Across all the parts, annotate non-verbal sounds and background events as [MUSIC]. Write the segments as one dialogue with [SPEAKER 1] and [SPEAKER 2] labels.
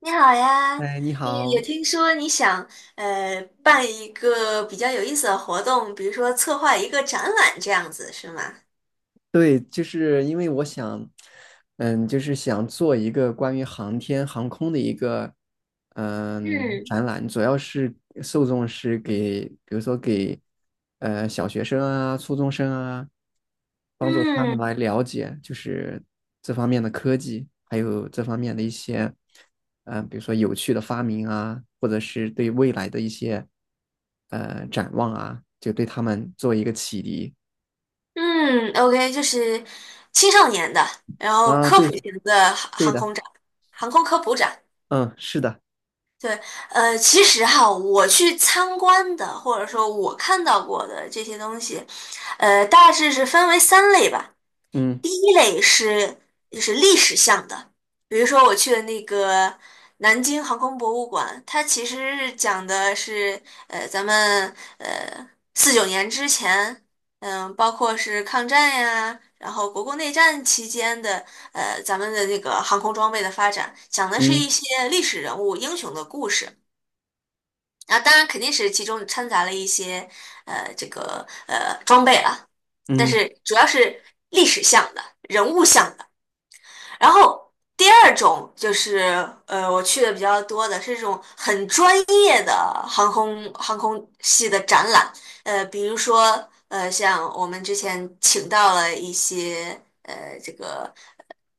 [SPEAKER 1] 你好呀，
[SPEAKER 2] 哎，你
[SPEAKER 1] 也
[SPEAKER 2] 好。
[SPEAKER 1] 听说你想办一个比较有意思的活动，比如说策划一个展览这样子，是吗？
[SPEAKER 2] 对，就是因为我想，就是想做一个关于航天航空的一个，
[SPEAKER 1] 嗯
[SPEAKER 2] 展览。主要是受众是给，比如说给，小学生啊、初中生啊，帮助他们
[SPEAKER 1] 嗯
[SPEAKER 2] 来了解，就是这方面的科技，还有这方面的一些，比如说有趣的发明啊，或者是对未来的一些，展望啊，就对他们做一个启迪。
[SPEAKER 1] 嗯，OK,就是青少年的，然后
[SPEAKER 2] 啊，
[SPEAKER 1] 科普
[SPEAKER 2] 对，
[SPEAKER 1] 型的航
[SPEAKER 2] 对
[SPEAKER 1] 航
[SPEAKER 2] 的，
[SPEAKER 1] 空展，航空科普展。
[SPEAKER 2] 嗯，是的。
[SPEAKER 1] 对，其实哈，我去参观的，或者说我看到过的这些东西，大致是分为三类吧。
[SPEAKER 2] 嗯
[SPEAKER 1] 第一类是就是历史向的，比如说我去的那个南京航空博物馆，它其实是讲的是咱们四九年之前，嗯、包括是抗战呀，然后国共内战期间的咱们的那个航空装备的发展，讲的是
[SPEAKER 2] 嗯
[SPEAKER 1] 一些历史人物英雄的故事。啊，当然肯定是其中掺杂了一些这个装备了，但
[SPEAKER 2] 嗯
[SPEAKER 1] 是主要是历史向的、人物向的。然后第二种就是，我去的比较多的是这种很专业的航空系的展览，比如说，像我们之前请到了一些，这个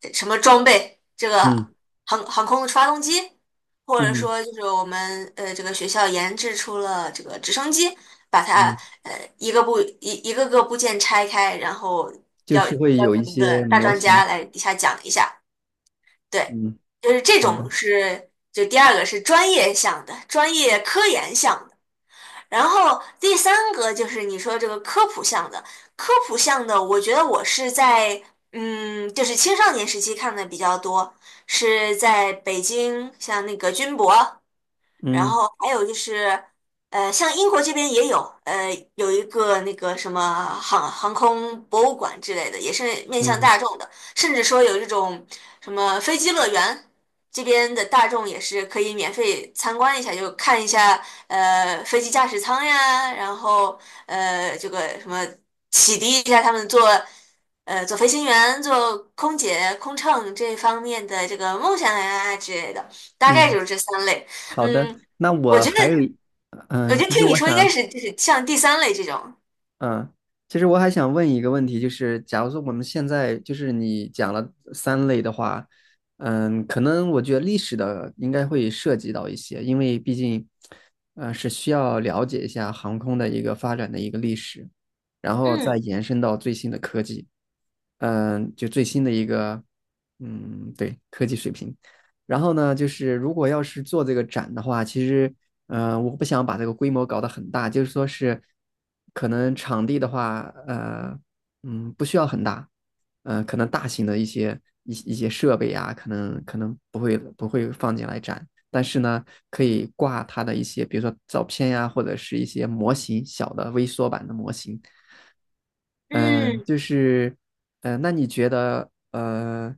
[SPEAKER 1] 什么装备，这个
[SPEAKER 2] 嗯
[SPEAKER 1] 航空的发动机，或者
[SPEAKER 2] 嗯
[SPEAKER 1] 说就是我们这个学校研制出了这个直升机，把它
[SPEAKER 2] 嗯。嗯，
[SPEAKER 1] 呃一个部一一个个部件拆开，然后
[SPEAKER 2] 就
[SPEAKER 1] 要。
[SPEAKER 2] 是会
[SPEAKER 1] 邀
[SPEAKER 2] 有一
[SPEAKER 1] 请一个
[SPEAKER 2] 些
[SPEAKER 1] 大
[SPEAKER 2] 模
[SPEAKER 1] 专家
[SPEAKER 2] 型。
[SPEAKER 1] 来底下讲一下，对，
[SPEAKER 2] 嗯，
[SPEAKER 1] 就是这
[SPEAKER 2] 好的。
[SPEAKER 1] 种是，就第二个是专业项的，专业科研项的。然后第三个就是你说这个科普项的，科普项的，我觉得我是在嗯，就是青少年时期看的比较多，是在北京，像那个军博。然
[SPEAKER 2] 嗯
[SPEAKER 1] 后还有就是，像英国这边也有，呃，有一个那个什么航空博物馆之类的，也是面向
[SPEAKER 2] 嗯
[SPEAKER 1] 大众的，甚至说有这种什么飞机乐园，这边的大众也是可以免费参观一下，就看一下飞机驾驶舱呀，然后这个什么启迪一下他们做。做飞行员、做空姐、空乘这方面的这个梦想呀之类的，大概
[SPEAKER 2] 嗯，
[SPEAKER 1] 就是这三类。
[SPEAKER 2] 好的。
[SPEAKER 1] 嗯，
[SPEAKER 2] 那
[SPEAKER 1] 我
[SPEAKER 2] 我
[SPEAKER 1] 觉得，
[SPEAKER 2] 还有一，
[SPEAKER 1] 我觉得
[SPEAKER 2] 其实
[SPEAKER 1] 听你
[SPEAKER 2] 我
[SPEAKER 1] 说应该
[SPEAKER 2] 想
[SPEAKER 1] 是就是像第三类这种。
[SPEAKER 2] 嗯，其实我还想问一个问题。就是假如说我们现在就是你讲了三类的话，嗯，可能我觉得历史的应该会涉及到一些，因为毕竟，是需要了解一下航空的一个发展的一个历史，然后再
[SPEAKER 1] 嗯
[SPEAKER 2] 延伸到最新的科技，嗯，就最新的一个，对，科技水平。然后呢，就是如果要是做这个展的话，其实，我不想把这个规模搞得很大。就是说是，可能场地的话，呃，嗯，不需要很大。可能大型的一些一些设备啊，可能不会放进来展，但是呢，可以挂它的一些，比如说照片呀、或者是一些模型，小的微缩版的模型。嗯、
[SPEAKER 1] 嗯，
[SPEAKER 2] 就是，嗯，那你觉得，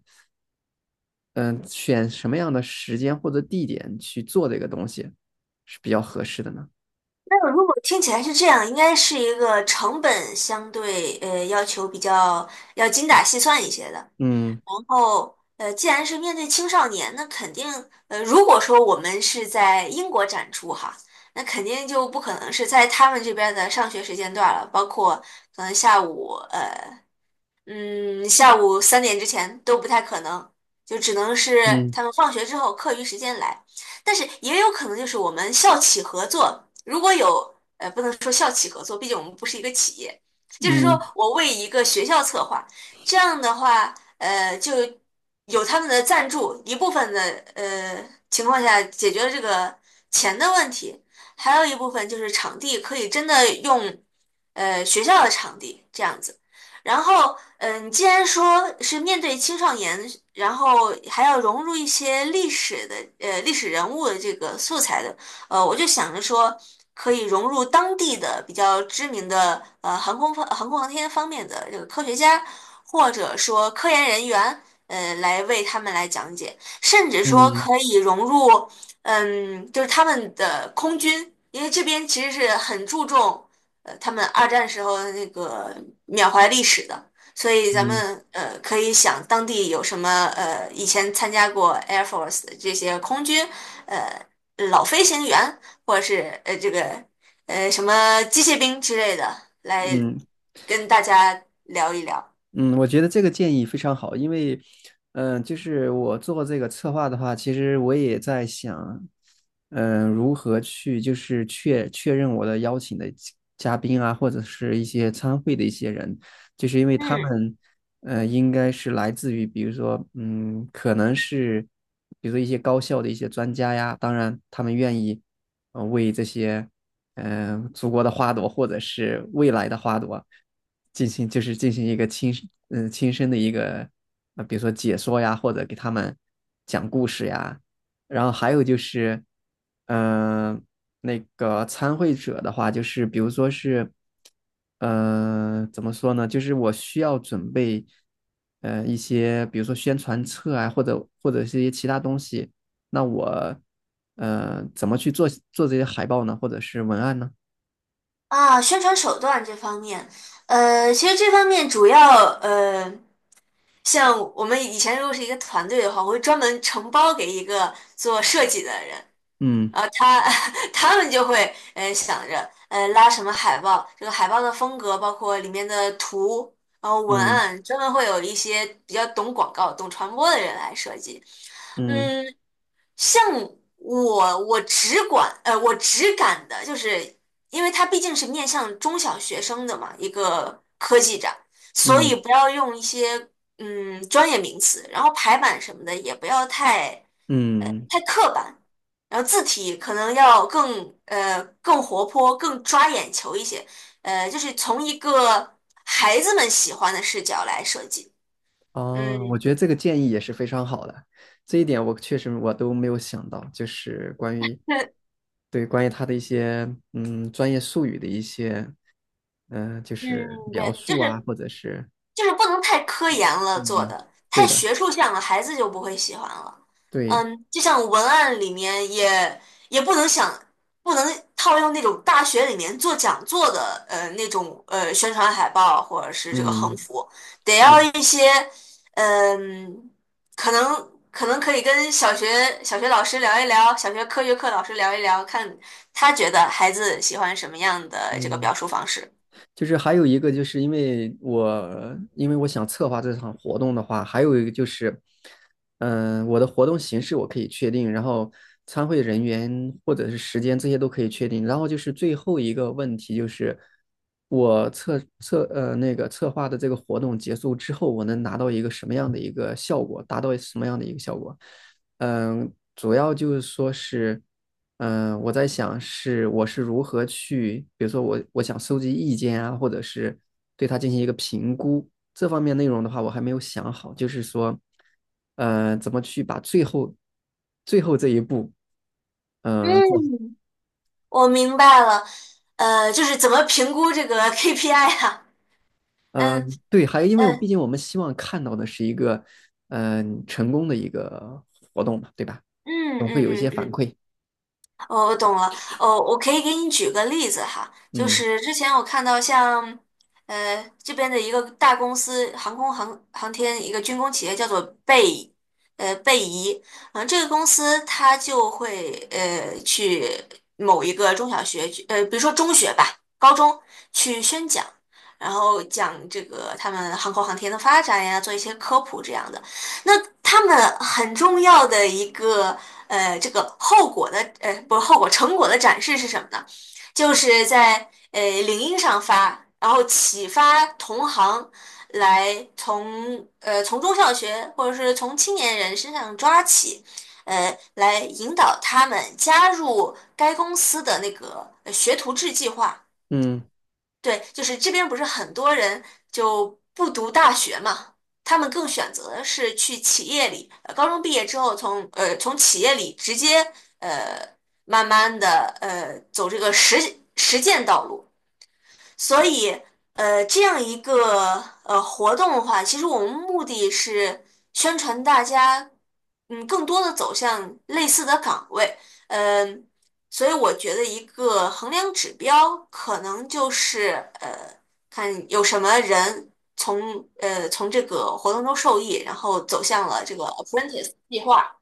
[SPEAKER 2] 嗯、选什么样的时间或者地点去做这个东西是比较合适的呢？
[SPEAKER 1] 那如果听起来是这样，应该是一个成本相对要求比较要精打细算一些的。
[SPEAKER 2] 嗯
[SPEAKER 1] 然后既然是面对青少年，那肯定如果说我们是在英国展出哈，那肯定就不可能是在他们这边的上学时间段了，包括可能下午。嗯，下午三点之前都不太可能，就只能是
[SPEAKER 2] 嗯
[SPEAKER 1] 他们放学之后课余时间来。但是也有可能就是我们校企合作，如果有，不能说校企合作，毕竟我们不是一个企业，就是说
[SPEAKER 2] 嗯
[SPEAKER 1] 我为一个学校策划，这样的话，就有他们的赞助，一部分的呃情况下解决了这个钱的问题，还有一部分就是场地可以真的用，学校的场地这样子。然后，嗯，既然说是面对青少年，然后还要融入一些历史的，历史人物的这个素材的，我就想着说，可以融入当地的比较知名的，航空航天方面的这个科学家，或者说科研人员，来为他们来讲解，甚至说
[SPEAKER 2] 嗯
[SPEAKER 1] 可以融入，嗯，就是他们的空军，因为这边其实是很注重。他们二战时候的那个缅怀历史的，所以咱
[SPEAKER 2] 嗯
[SPEAKER 1] 们可以想当地有什么以前参加过 Air Force 的这些空军呃老飞行员，或者是这个什么机械兵之类的，来
[SPEAKER 2] 嗯。
[SPEAKER 1] 跟大家聊一聊。
[SPEAKER 2] 嗯，我觉得这个建议非常好。因为，就是我做这个策划的话，其实我也在想，嗯、如何去就是确认我的邀请的嘉宾啊，或者是一些参会的一些人，就是因为他
[SPEAKER 1] 嗯
[SPEAKER 2] 们，嗯，应该是来自于，比如说，嗯，可能是，比如说一些高校的一些专家呀，当然他们愿意，为这些。嗯、呃祖国的花朵或者是未来的花朵进行就是进行一个亲嗯、呃亲身的一个呃比如说解说呀，或者给他们讲故事呀。然后还有就是嗯、呃那个参会者的话，就是比如说是呃怎么说呢，就是我需要准备呃一些比如说宣传册啊，或者是一些其他东西。那我呃怎么去做这些海报呢，或者是文案呢？
[SPEAKER 1] 啊，宣传手段这方面，其实这方面主要像我们以前如果是一个团队的话，我会专门承包给一个做设计的人，
[SPEAKER 2] 嗯
[SPEAKER 1] 然后他 [LAUGHS] 他们就会想着拉什么海报，这个海报的风格，包括里面的图，然后文
[SPEAKER 2] 嗯
[SPEAKER 1] 案，专门会有一些比较懂广告、懂传播的人来设计。
[SPEAKER 2] 嗯
[SPEAKER 1] 嗯，像我只管我只敢的就是，因为它毕竟是面向中小学生的嘛，一个科技展，所
[SPEAKER 2] 嗯
[SPEAKER 1] 以不要用一些专业名词，然后排版什么的也不要太。
[SPEAKER 2] 嗯。
[SPEAKER 1] 太刻板，然后字体可能要更更活泼、更抓眼球一些，就是从一个孩子们喜欢的视角来设计。嗯，
[SPEAKER 2] 哦，我觉得这个建议也是非常好的。这一点我确实我都没有想到，就是关于
[SPEAKER 1] 对，
[SPEAKER 2] 对关于他的一些嗯专业术语的一些嗯、呃就是
[SPEAKER 1] 嗯，
[SPEAKER 2] 描
[SPEAKER 1] 对，就
[SPEAKER 2] 述啊，
[SPEAKER 1] 是
[SPEAKER 2] 或者是
[SPEAKER 1] 不能太科研了做
[SPEAKER 2] 嗯
[SPEAKER 1] 的，太
[SPEAKER 2] 对的
[SPEAKER 1] 学术向了，孩子就不会喜欢了。
[SPEAKER 2] 对
[SPEAKER 1] 嗯，就像文案里面也不能想，不能套用那种大学里面做讲座的那种宣传海报或者是这个横
[SPEAKER 2] 嗯
[SPEAKER 1] 幅，得
[SPEAKER 2] 对的
[SPEAKER 1] 要一些嗯、可能可以跟小学老师聊一聊，小学科学课老师聊一聊，看他觉得孩子喜欢什么样的这个
[SPEAKER 2] 嗯。
[SPEAKER 1] 表述方式。
[SPEAKER 2] 就是还有一个，就是因为我想策划这场活动的话，还有一个就是，嗯、我的活动形式我可以确定，然后参会人员或者是时间这些都可以确定，然后就是最后一个问题就是我策呃那个策划的这个活动结束之后，我能拿到一个什么样的一个效果，达到什么样的一个效果？嗯，主要就是说是，嗯，我在想是我是如何去，比如说我想收集意见啊，或者是对它进行一个评估。这方面内容的话，我还没有想好。就是说，怎么去把最后这一步，嗯，做好。
[SPEAKER 1] 嗯，我明白了，就是怎么评估这个 KPI 啊？
[SPEAKER 2] 呃
[SPEAKER 1] 嗯
[SPEAKER 2] 对，还因为我毕
[SPEAKER 1] 嗯
[SPEAKER 2] 竟我们希望看到的是一个，嗯、成功的一个活动嘛，对吧？
[SPEAKER 1] 嗯
[SPEAKER 2] 总会
[SPEAKER 1] 嗯
[SPEAKER 2] 有一
[SPEAKER 1] 嗯
[SPEAKER 2] 些反
[SPEAKER 1] 嗯，
[SPEAKER 2] 馈。
[SPEAKER 1] 哦，我懂了。哦，我可以给你举个例子哈，就
[SPEAKER 2] 嗯
[SPEAKER 1] 是之前我看到像，这边的一个大公司，航空航天一个军工企业叫做贝，贝仪，嗯、这个公司它就会去某一个中小学去，比如说中学吧，高中去宣讲，然后讲这个他们航空航天的发展呀，做一些科普这样的。那他们很重要的一个这个后果的呃，不是后果，成果的展示是什么呢？就是在领英上发，然后启发同行来从从中小学或者是从青年人身上抓起，来引导他们加入该公司的那个学徒制计划。
[SPEAKER 2] 嗯。
[SPEAKER 1] 对，就是这边不是很多人就不读大学嘛，他们更选择的是去企业里，高中毕业之后从从企业里直接呃慢慢的走这个实践道路。所以，这样一个活动的话，其实我们目的是宣传大家，嗯，更多的走向类似的岗位，嗯，所以我觉得一个衡量指标可能就是呃，看有什么人从从这个活动中受益，然后走向了这个 apprentice 计划，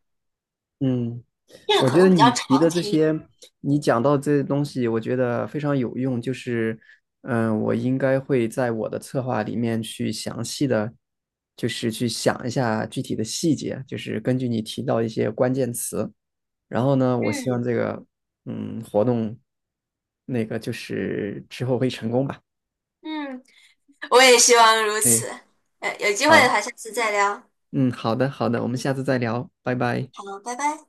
[SPEAKER 2] 嗯，
[SPEAKER 1] 这个
[SPEAKER 2] 我
[SPEAKER 1] 可
[SPEAKER 2] 觉
[SPEAKER 1] 能
[SPEAKER 2] 得
[SPEAKER 1] 比较
[SPEAKER 2] 你提的
[SPEAKER 1] 长
[SPEAKER 2] 这
[SPEAKER 1] 期。
[SPEAKER 2] 些，你讲到这些东西，我觉得非常有用。就是，嗯，我应该会在我的策划里面去详细的，就是去想一下具体的细节，就是根据你提到一些关键词。然后呢，我希望
[SPEAKER 1] 嗯
[SPEAKER 2] 这个，嗯，活动那个就是之后会成功吧。
[SPEAKER 1] 嗯，我也希望如
[SPEAKER 2] 对，
[SPEAKER 1] 此。有机会的
[SPEAKER 2] 好，
[SPEAKER 1] 话，下次再聊。
[SPEAKER 2] 嗯，好的，好的，我们
[SPEAKER 1] 嗯
[SPEAKER 2] 下次再聊，拜
[SPEAKER 1] 嗯，
[SPEAKER 2] 拜。
[SPEAKER 1] 好，拜拜。